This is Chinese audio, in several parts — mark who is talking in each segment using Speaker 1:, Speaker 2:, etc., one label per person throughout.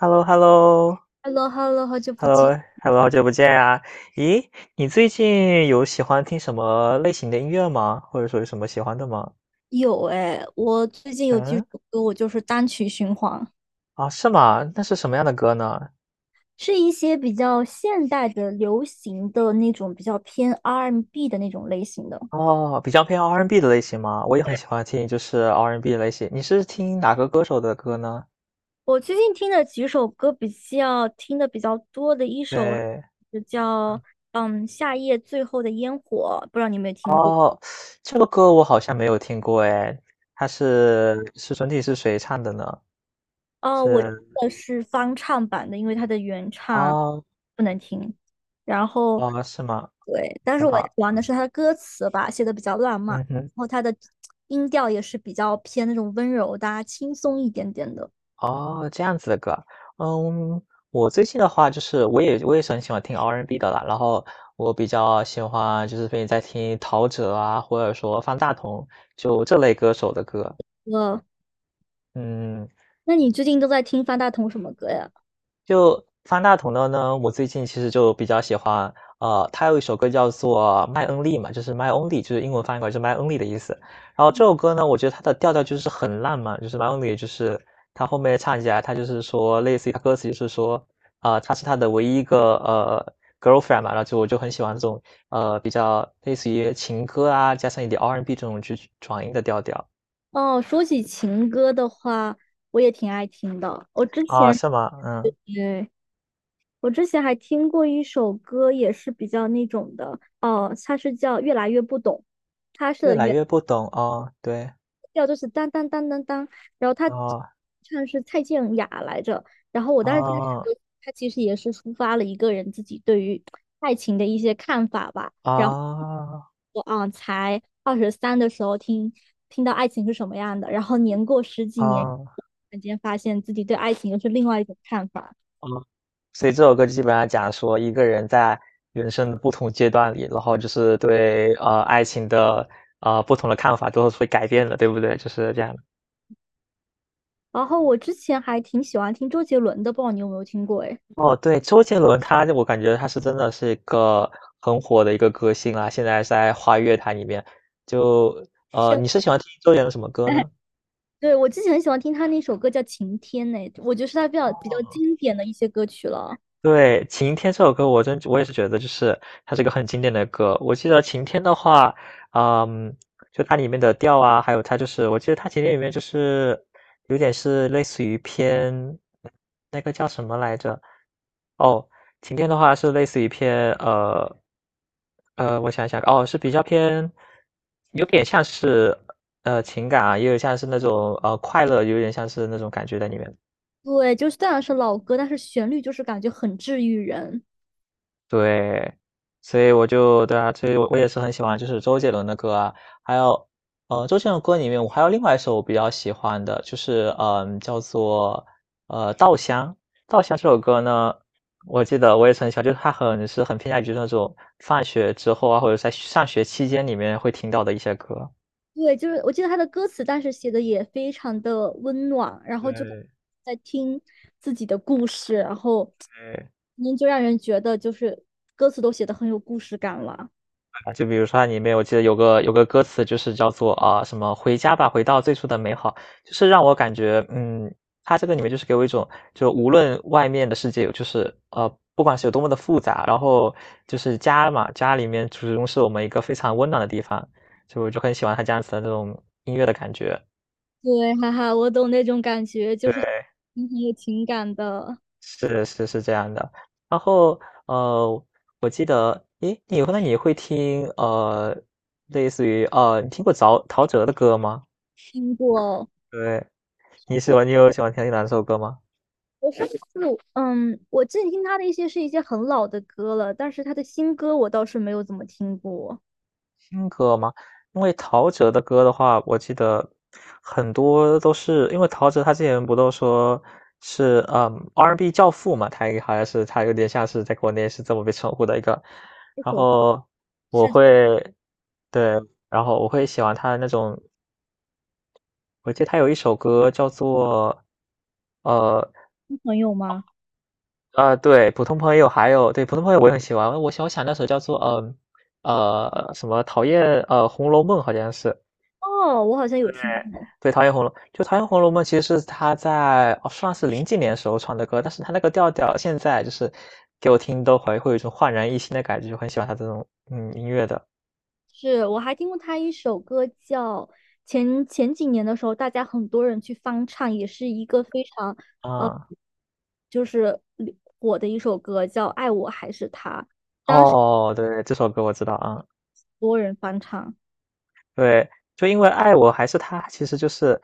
Speaker 1: h e l l o h e l l o
Speaker 2: Hello，Hello，好久
Speaker 1: h
Speaker 2: 不
Speaker 1: e l l o h
Speaker 2: 见。
Speaker 1: e l l o 好久不见啊！咦，你最近有喜欢听什么类型的音乐吗？或者说有什么喜欢的吗？
Speaker 2: 有哎，我最近有几
Speaker 1: 嗯，
Speaker 2: 首歌，我就是单曲循环。
Speaker 1: 啊，是吗？那是什么样的歌呢？
Speaker 2: 是一些比较现代的、流行的那种，比较偏 R&B 的那种类型的。
Speaker 1: 哦，比较偏 R&B 的类型吗？我也很喜欢听，就是 R&B 类型。你是听哪个歌手的歌呢？
Speaker 2: 我最近听的几首歌听的比较多的一首
Speaker 1: 对，
Speaker 2: 就叫《夏夜最后的烟火》，不知道你有没有听过？
Speaker 1: 哦，这个歌我好像没有听过哎，它是整体是谁唱的呢？
Speaker 2: 哦，我听
Speaker 1: 是
Speaker 2: 的是翻唱版的，因为它的原唱
Speaker 1: 哦
Speaker 2: 不能听。然后，
Speaker 1: 哦，是吗？
Speaker 2: 对，但
Speaker 1: 很
Speaker 2: 是我喜
Speaker 1: 好，
Speaker 2: 欢的是它的歌词吧，写的比较浪漫，
Speaker 1: 嗯哼。
Speaker 2: 然后它的音调也是比较偏那种温柔的啊轻松一点点的。
Speaker 1: 哦，这样子的歌，嗯，我最近的话就是我也是很喜欢听 R&B 的啦，然后我比较喜欢就是最近在听陶喆啊，或者说方大同，就这类歌手的歌，
Speaker 2: 呃，
Speaker 1: 嗯。
Speaker 2: 那你最近都在听方大同什么歌呀？
Speaker 1: 就方大同的呢，我最近其实就比较喜欢，他有一首歌叫做《麦恩利》嘛，就是 My Only，就是英文翻译过来是 My Only 的意思。然后这首歌呢，我觉得它的调调就是很浪漫，就是 My Only，就是他后面唱起来，他就是说，类似于他歌词就是说，啊、他是他的唯一一个girlfriend 嘛，然后就我就很喜欢这种比较类似于情歌啊，加上一点 R&B and B 这种去转音的调调
Speaker 2: 哦，说起情歌的话，我也挺爱听的。我之
Speaker 1: 啊，
Speaker 2: 前，
Speaker 1: 是吗？嗯，
Speaker 2: 对，我之前还听过一首歌，也是比较那种的，哦，它是叫《越来越不懂》。它
Speaker 1: 越
Speaker 2: 是
Speaker 1: 来越不懂哦，对，
Speaker 2: 调就是当当当当当，然后他
Speaker 1: 哦
Speaker 2: 唱是蔡健雅来着，然后我当时听这首
Speaker 1: 哦
Speaker 2: 歌，他其实也是抒发了一个人自己对于爱情的一些看法吧。然后
Speaker 1: 啊
Speaker 2: 我啊，才23的时候听到爱情是什么样的，然后年过十几年，突
Speaker 1: 啊
Speaker 2: 然间发现自己对爱情又是另外一种看法。
Speaker 1: 啊！所以这首歌基本上讲说一个人在人生的不同阶段里，然后就是对爱情的不同的看法都是会改变的，对不对？就是这样的
Speaker 2: 然后我之前还挺喜欢听周杰伦的，不知道你有没有听过？哎，
Speaker 1: 哦，对，周杰伦他我感觉他是真的是一个很火的一个歌星啦。现在在华语乐坛里面。就
Speaker 2: 千
Speaker 1: 你是喜欢听周杰伦什么歌呢？
Speaker 2: 对，我之前很喜欢听他那首歌叫《晴天》呢，我觉得是他比较
Speaker 1: 哦。
Speaker 2: 经典的一些歌曲了。
Speaker 1: 对，《晴天》这首歌，我也是觉得就是它是一个很经典的歌。我记得《晴天》的话，嗯，就它里面的调啊，还有它就是我记得它《晴天》里面就是有点是类似于偏那个叫什么来着？哦，《晴天》的话是类似于偏我想想，哦，是比较偏，有点像是情感啊，也有像是那种快乐，有点像是那种感觉在里面的。
Speaker 2: 对，就是虽然是老歌，但是旋律就是感觉很治愈人。
Speaker 1: 对，所以我就对啊，所以我也是很喜欢就是周杰伦的歌啊，还有，周杰伦的歌里面我还有另外一首我比较喜欢的，就是叫做《稻香》。《稻香》这首歌呢，我记得我也是很喜欢，就是他很是很偏向于那种放学之后啊，或者在上学期间里面会听到的一些歌。
Speaker 2: 对，就是我记得他的歌词，但是写的也非常的温暖，然后就
Speaker 1: 对。
Speaker 2: 在听自己的故事，然后
Speaker 1: 对。
Speaker 2: 您就让人觉得就是歌词都写的很有故事感了。
Speaker 1: 啊，就比如说它里面我记得有个歌词就是叫做啊什么"回家吧，回到最初的美好"，就是让我感觉，嗯，它这个里面就是给我一种，就无论外面的世界有就是不管是有多么的复杂，然后就是家嘛，家里面始终是我们一个非常温暖的地方，所以我就很喜欢它这样子的那种音乐的感觉。
Speaker 2: 对，哈哈，我懂那种感觉，就是
Speaker 1: 对，
Speaker 2: 很有情感的。
Speaker 1: 是是是这样的。然后呃，我记得，诶，你那你会听类似于你听过陶喆的歌吗？
Speaker 2: 听过。
Speaker 1: 对，你有喜欢听哪首歌吗？
Speaker 2: 我上次嗯，我最近听他的一些是一些很老的歌了，但是他的新歌我倒是没有怎么听过。
Speaker 1: 新歌吗？因为陶喆的歌的话，我记得很多都是因为陶喆他之前不都说是R&B N 教父嘛，他也好像是他有点像是在国内是这么被称呼的一个。
Speaker 2: 这
Speaker 1: 然
Speaker 2: 首
Speaker 1: 后我
Speaker 2: 是他
Speaker 1: 会对，然后我会喜欢他的那种，我记得他有一首歌叫做呃
Speaker 2: 的朋友吗？
Speaker 1: 啊，对，普通朋友还有对，普通朋友我也很喜欢。我想那首叫做，什么讨厌《红楼梦》好像是，
Speaker 2: 哦，我好像有听过，
Speaker 1: 对，讨厌《红楼》就讨厌《红楼梦》，其实是他在哦，算是零几年时候唱的歌，但是他那个调调现在就是给我听都会有一种焕然一新的感觉，就很喜欢他这种，嗯，音乐的。
Speaker 2: 是我还听过他一首歌叫前几年的时候，大家很多人去翻唱，也是一个非常呃
Speaker 1: 啊，
Speaker 2: 就是火的一首歌，叫《爱我还是他》，
Speaker 1: 哦，对，这首歌我知道，啊。
Speaker 2: 多人翻唱。
Speaker 1: 对，就因为爱我还是他，其实就是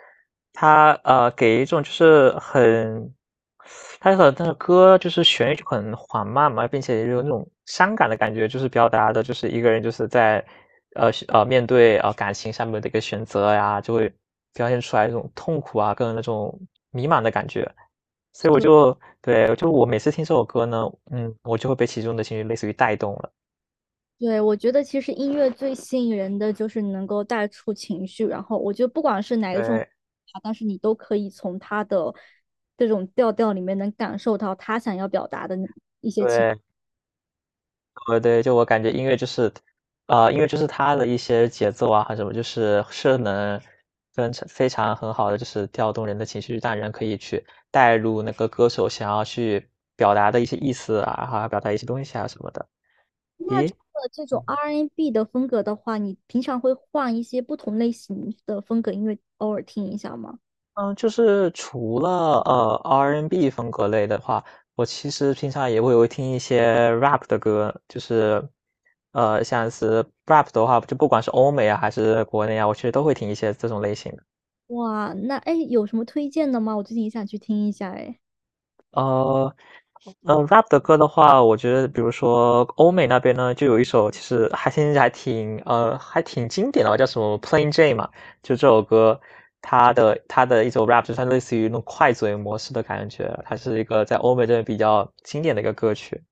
Speaker 1: 他给一种就是很，他的那个歌就是旋律就很缓慢嘛，并且有那种伤感的感觉，就是表达的就是一个人就是在是面对感情上面的一个选择呀，就会表现出来一种痛苦啊，跟那种迷茫的感觉。所以我就对，就我每次听这首歌呢，嗯，我就会被其中的情绪类似于带动了。
Speaker 2: 对，我觉得其实音乐最吸引人的就是能够带出情绪，然后我觉得不管是哪一种，
Speaker 1: 对
Speaker 2: 但是你都可以从他的这种调调里面能感受到他想要表达的那。
Speaker 1: 对。对，就我感觉音乐就是，音乐就是它的一些节奏啊，还什么，就是能跟常非常很好的，就是调动人的情绪，让人可以去带入那个歌手想要去表达的一些意思啊，还有表达一些东西啊什么的。
Speaker 2: 那
Speaker 1: 咦，
Speaker 2: 这种
Speaker 1: 嗯，
Speaker 2: R&B n 的风格的话，你平常会换一些不同类型的风格音乐，偶尔听一下吗？
Speaker 1: 嗯就是除了，R&B 风格类的话，我其实平常也会有听一些 Rap 的歌，就是，像是 Rap 的话，就不管是欧美啊还是国内啊，我其实都会听一些这种类型的。
Speaker 2: 哇，那哎，有什么推荐的吗？我最近也想去听一下哎。
Speaker 1: 呃，rap 的歌的话，我觉得比如说欧美那边呢，就有一首其实还现在还挺经典的吧，叫什么《Plain Jane》嘛，就这首歌，它的一首 rap 就是它类似于那种快嘴模式的感觉，它是一个在欧美这边比较经典的一个歌曲。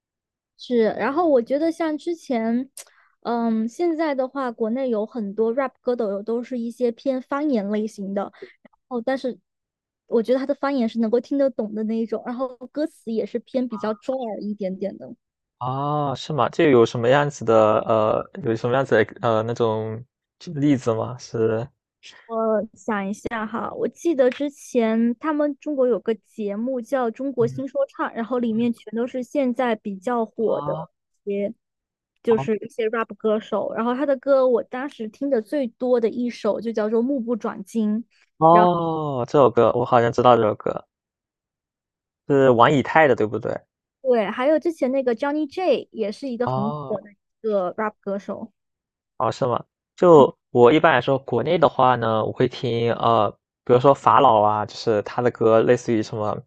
Speaker 2: 是，然后我觉得像之前，嗯，现在的话，国内有很多 rap 歌手都是一些偏方言类型的，然后但是我觉得他的方言是能够听得懂的那一种，然后歌词也是偏比较中耳一点点的。
Speaker 1: 啊，是吗？这有什么样子的那种例子吗？是，
Speaker 2: 我。大哈，我记得之前他们中国有个节目叫《中国
Speaker 1: 嗯，
Speaker 2: 新说唱》，然后里
Speaker 1: 嗯
Speaker 2: 面全都是现在比较火的
Speaker 1: 啊，
Speaker 2: 一些，就
Speaker 1: 哦，
Speaker 2: 是一些 rap 歌手。然后他的歌，我当时听的最多的一首就叫做《目不转睛》。
Speaker 1: 哦，这首歌我好像知道这首歌。是玩以太的，对不对？
Speaker 2: 对，还有之前那个 Johnny J 也是一个很
Speaker 1: 哦，
Speaker 2: 火的一个 rap 歌手。
Speaker 1: 哦，是吗？就我一般来说，国内的话呢，我会听比如说法老啊，就是他的歌，类似于什么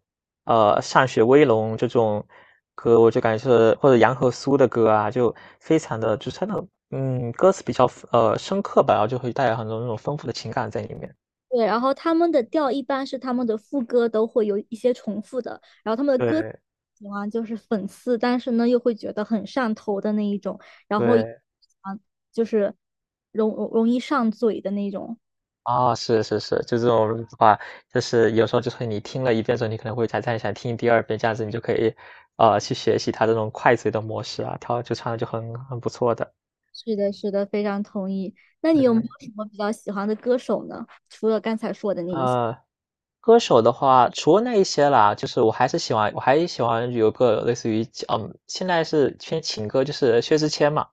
Speaker 1: 《歃血威龙》这种歌，我就感觉是或者杨和苏的歌啊，就非常的就是他那种歌词比较深刻吧，然后就会带有很多那种丰富的情感在里面。
Speaker 2: 对，然后他们的调一般是他们的副歌都会有一些重复的，然后他们的歌
Speaker 1: 对
Speaker 2: 喜欢就是讽刺，但是呢又会觉得很上头的那一种，然后
Speaker 1: 对。
Speaker 2: 啊就是容易上嘴的那种。
Speaker 1: 啊，是是是，就这种的话，就是有时候就是你听了一遍之后，你可能会再想听第二遍，这样子你就可以，去学习他这种快嘴的模式啊，它就唱的就很不错的。
Speaker 2: 是的，是的，非常同意。那你有没有
Speaker 1: 对，
Speaker 2: 什么比较喜欢的歌手呢？除了刚才说的那一些，
Speaker 1: 呃，歌手的话，除了那一些啦，就是我还喜欢有个类似于，嗯，现在是偏情歌，就是薛之谦嘛。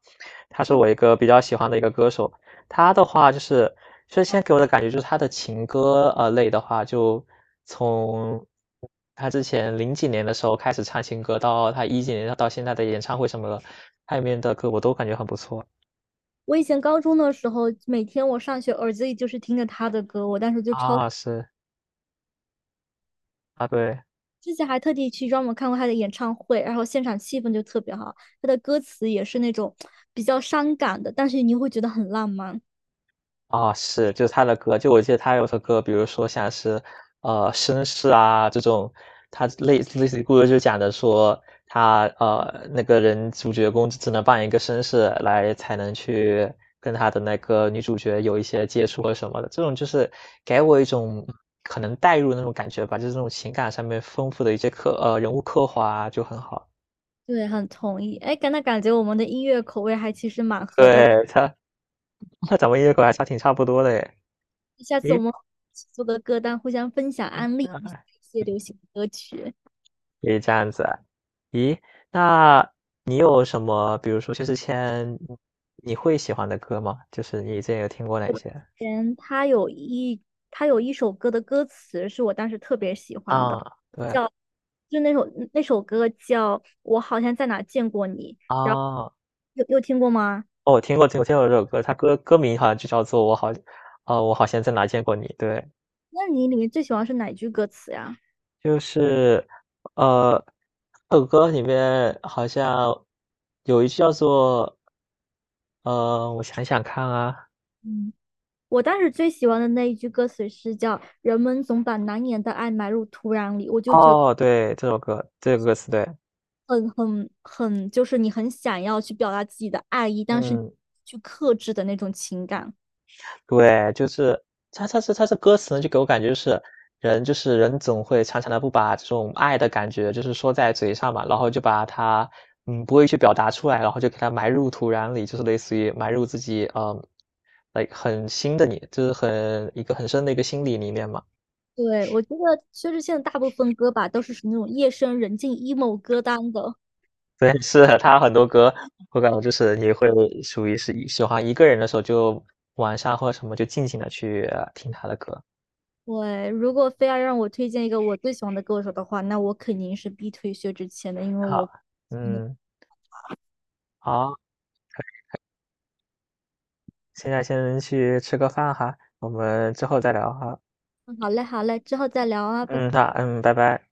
Speaker 1: 他是我一个比较喜欢的一个歌手。他的话就是，现在给我的感觉就是他的情歌类的话，就从他之前零几年的时候开始唱情歌，到他一几年到现在的演唱会什么的，他里面的歌我都感觉很不错。
Speaker 2: 我以前高中的时候，每天我上学耳机里就是听着他的歌，我当时就超
Speaker 1: 啊，是，啊对。
Speaker 2: 之前还特地去专门看过他的演唱会，然后现场气氛就特别好，他的歌词也是那种比较伤感的，但是你会觉得很浪漫。
Speaker 1: 啊，是，就是他的歌，就我记得他有首歌，比如说像是，绅士啊这种，他类似于故事就讲的说他那个人主角公只能扮演一个绅士来才能去跟他的那个女主角有一些接触啊什么的，这种就是给我一种可能代入的那种感觉吧，就是这种情感上面丰富的一些人物刻画啊就很好。
Speaker 2: 对，很同意。哎，感那感觉我们的音乐口味还其实蛮 合的，
Speaker 1: 对，他 他咱们音乐口还差挺差不多的诶，
Speaker 2: 下次我
Speaker 1: 诶，
Speaker 2: 们一起做个歌单，互相分享安利一些流行歌曲。
Speaker 1: 也这样子啊咦，那你有什么，比如说薛之谦，你会喜欢的歌吗？就是你之前有听过哪些？
Speaker 2: 嗯，他有一首歌的歌词是我当时特别喜欢的，
Speaker 1: 啊，对，
Speaker 2: 叫就那首歌叫《我好像在哪见过你》，
Speaker 1: 啊，
Speaker 2: 然后
Speaker 1: 哦，
Speaker 2: 有听过吗？
Speaker 1: 我听过，听过，听过这首歌，它歌名好像就叫做《我好，哦，我好像在哪见过你》。对，
Speaker 2: 那你里面最喜欢是哪句歌词呀？
Speaker 1: 就是，呃，这首歌里面好像有一句叫做，我想想看啊，
Speaker 2: 嗯，我当时最喜欢的那一句歌词是叫“人们总把难言的爱埋入土壤里”，我就觉得
Speaker 1: 哦，对，这首歌，这个歌词，对，
Speaker 2: 很，就是你很想要去表达自己的爱意，但是
Speaker 1: 嗯。
Speaker 2: 去克制的那种情感。
Speaker 1: 对，就是他这歌词呢，就给我感觉就是人就是人总会常常的不把这种爱的感觉就是说在嘴上嘛，然后就把它，嗯，不会去表达出来，然后就给它埋入土壤里，就是类似于埋入自己，嗯，l 很新的你就是很一个很深的一个心理里面嘛。
Speaker 2: 对，我觉得薛之谦的大部分歌吧，都是属于那种夜深人静 emo 歌单的。
Speaker 1: 对，是他很多歌，我感觉就是你会属于是喜欢一个人的时候，就晚上或者什么就静静的去听他的歌。
Speaker 2: 对，如果非要让我推荐一个我最喜欢的歌手的话，那我肯定是必推薛之谦的，因为我，
Speaker 1: 好，
Speaker 2: 嗯，
Speaker 1: 嗯，好。现在先去吃个饭哈，我们之后再聊哈。
Speaker 2: 好嘞，好嘞，之后再聊啊，拜拜。
Speaker 1: 嗯，那拜拜。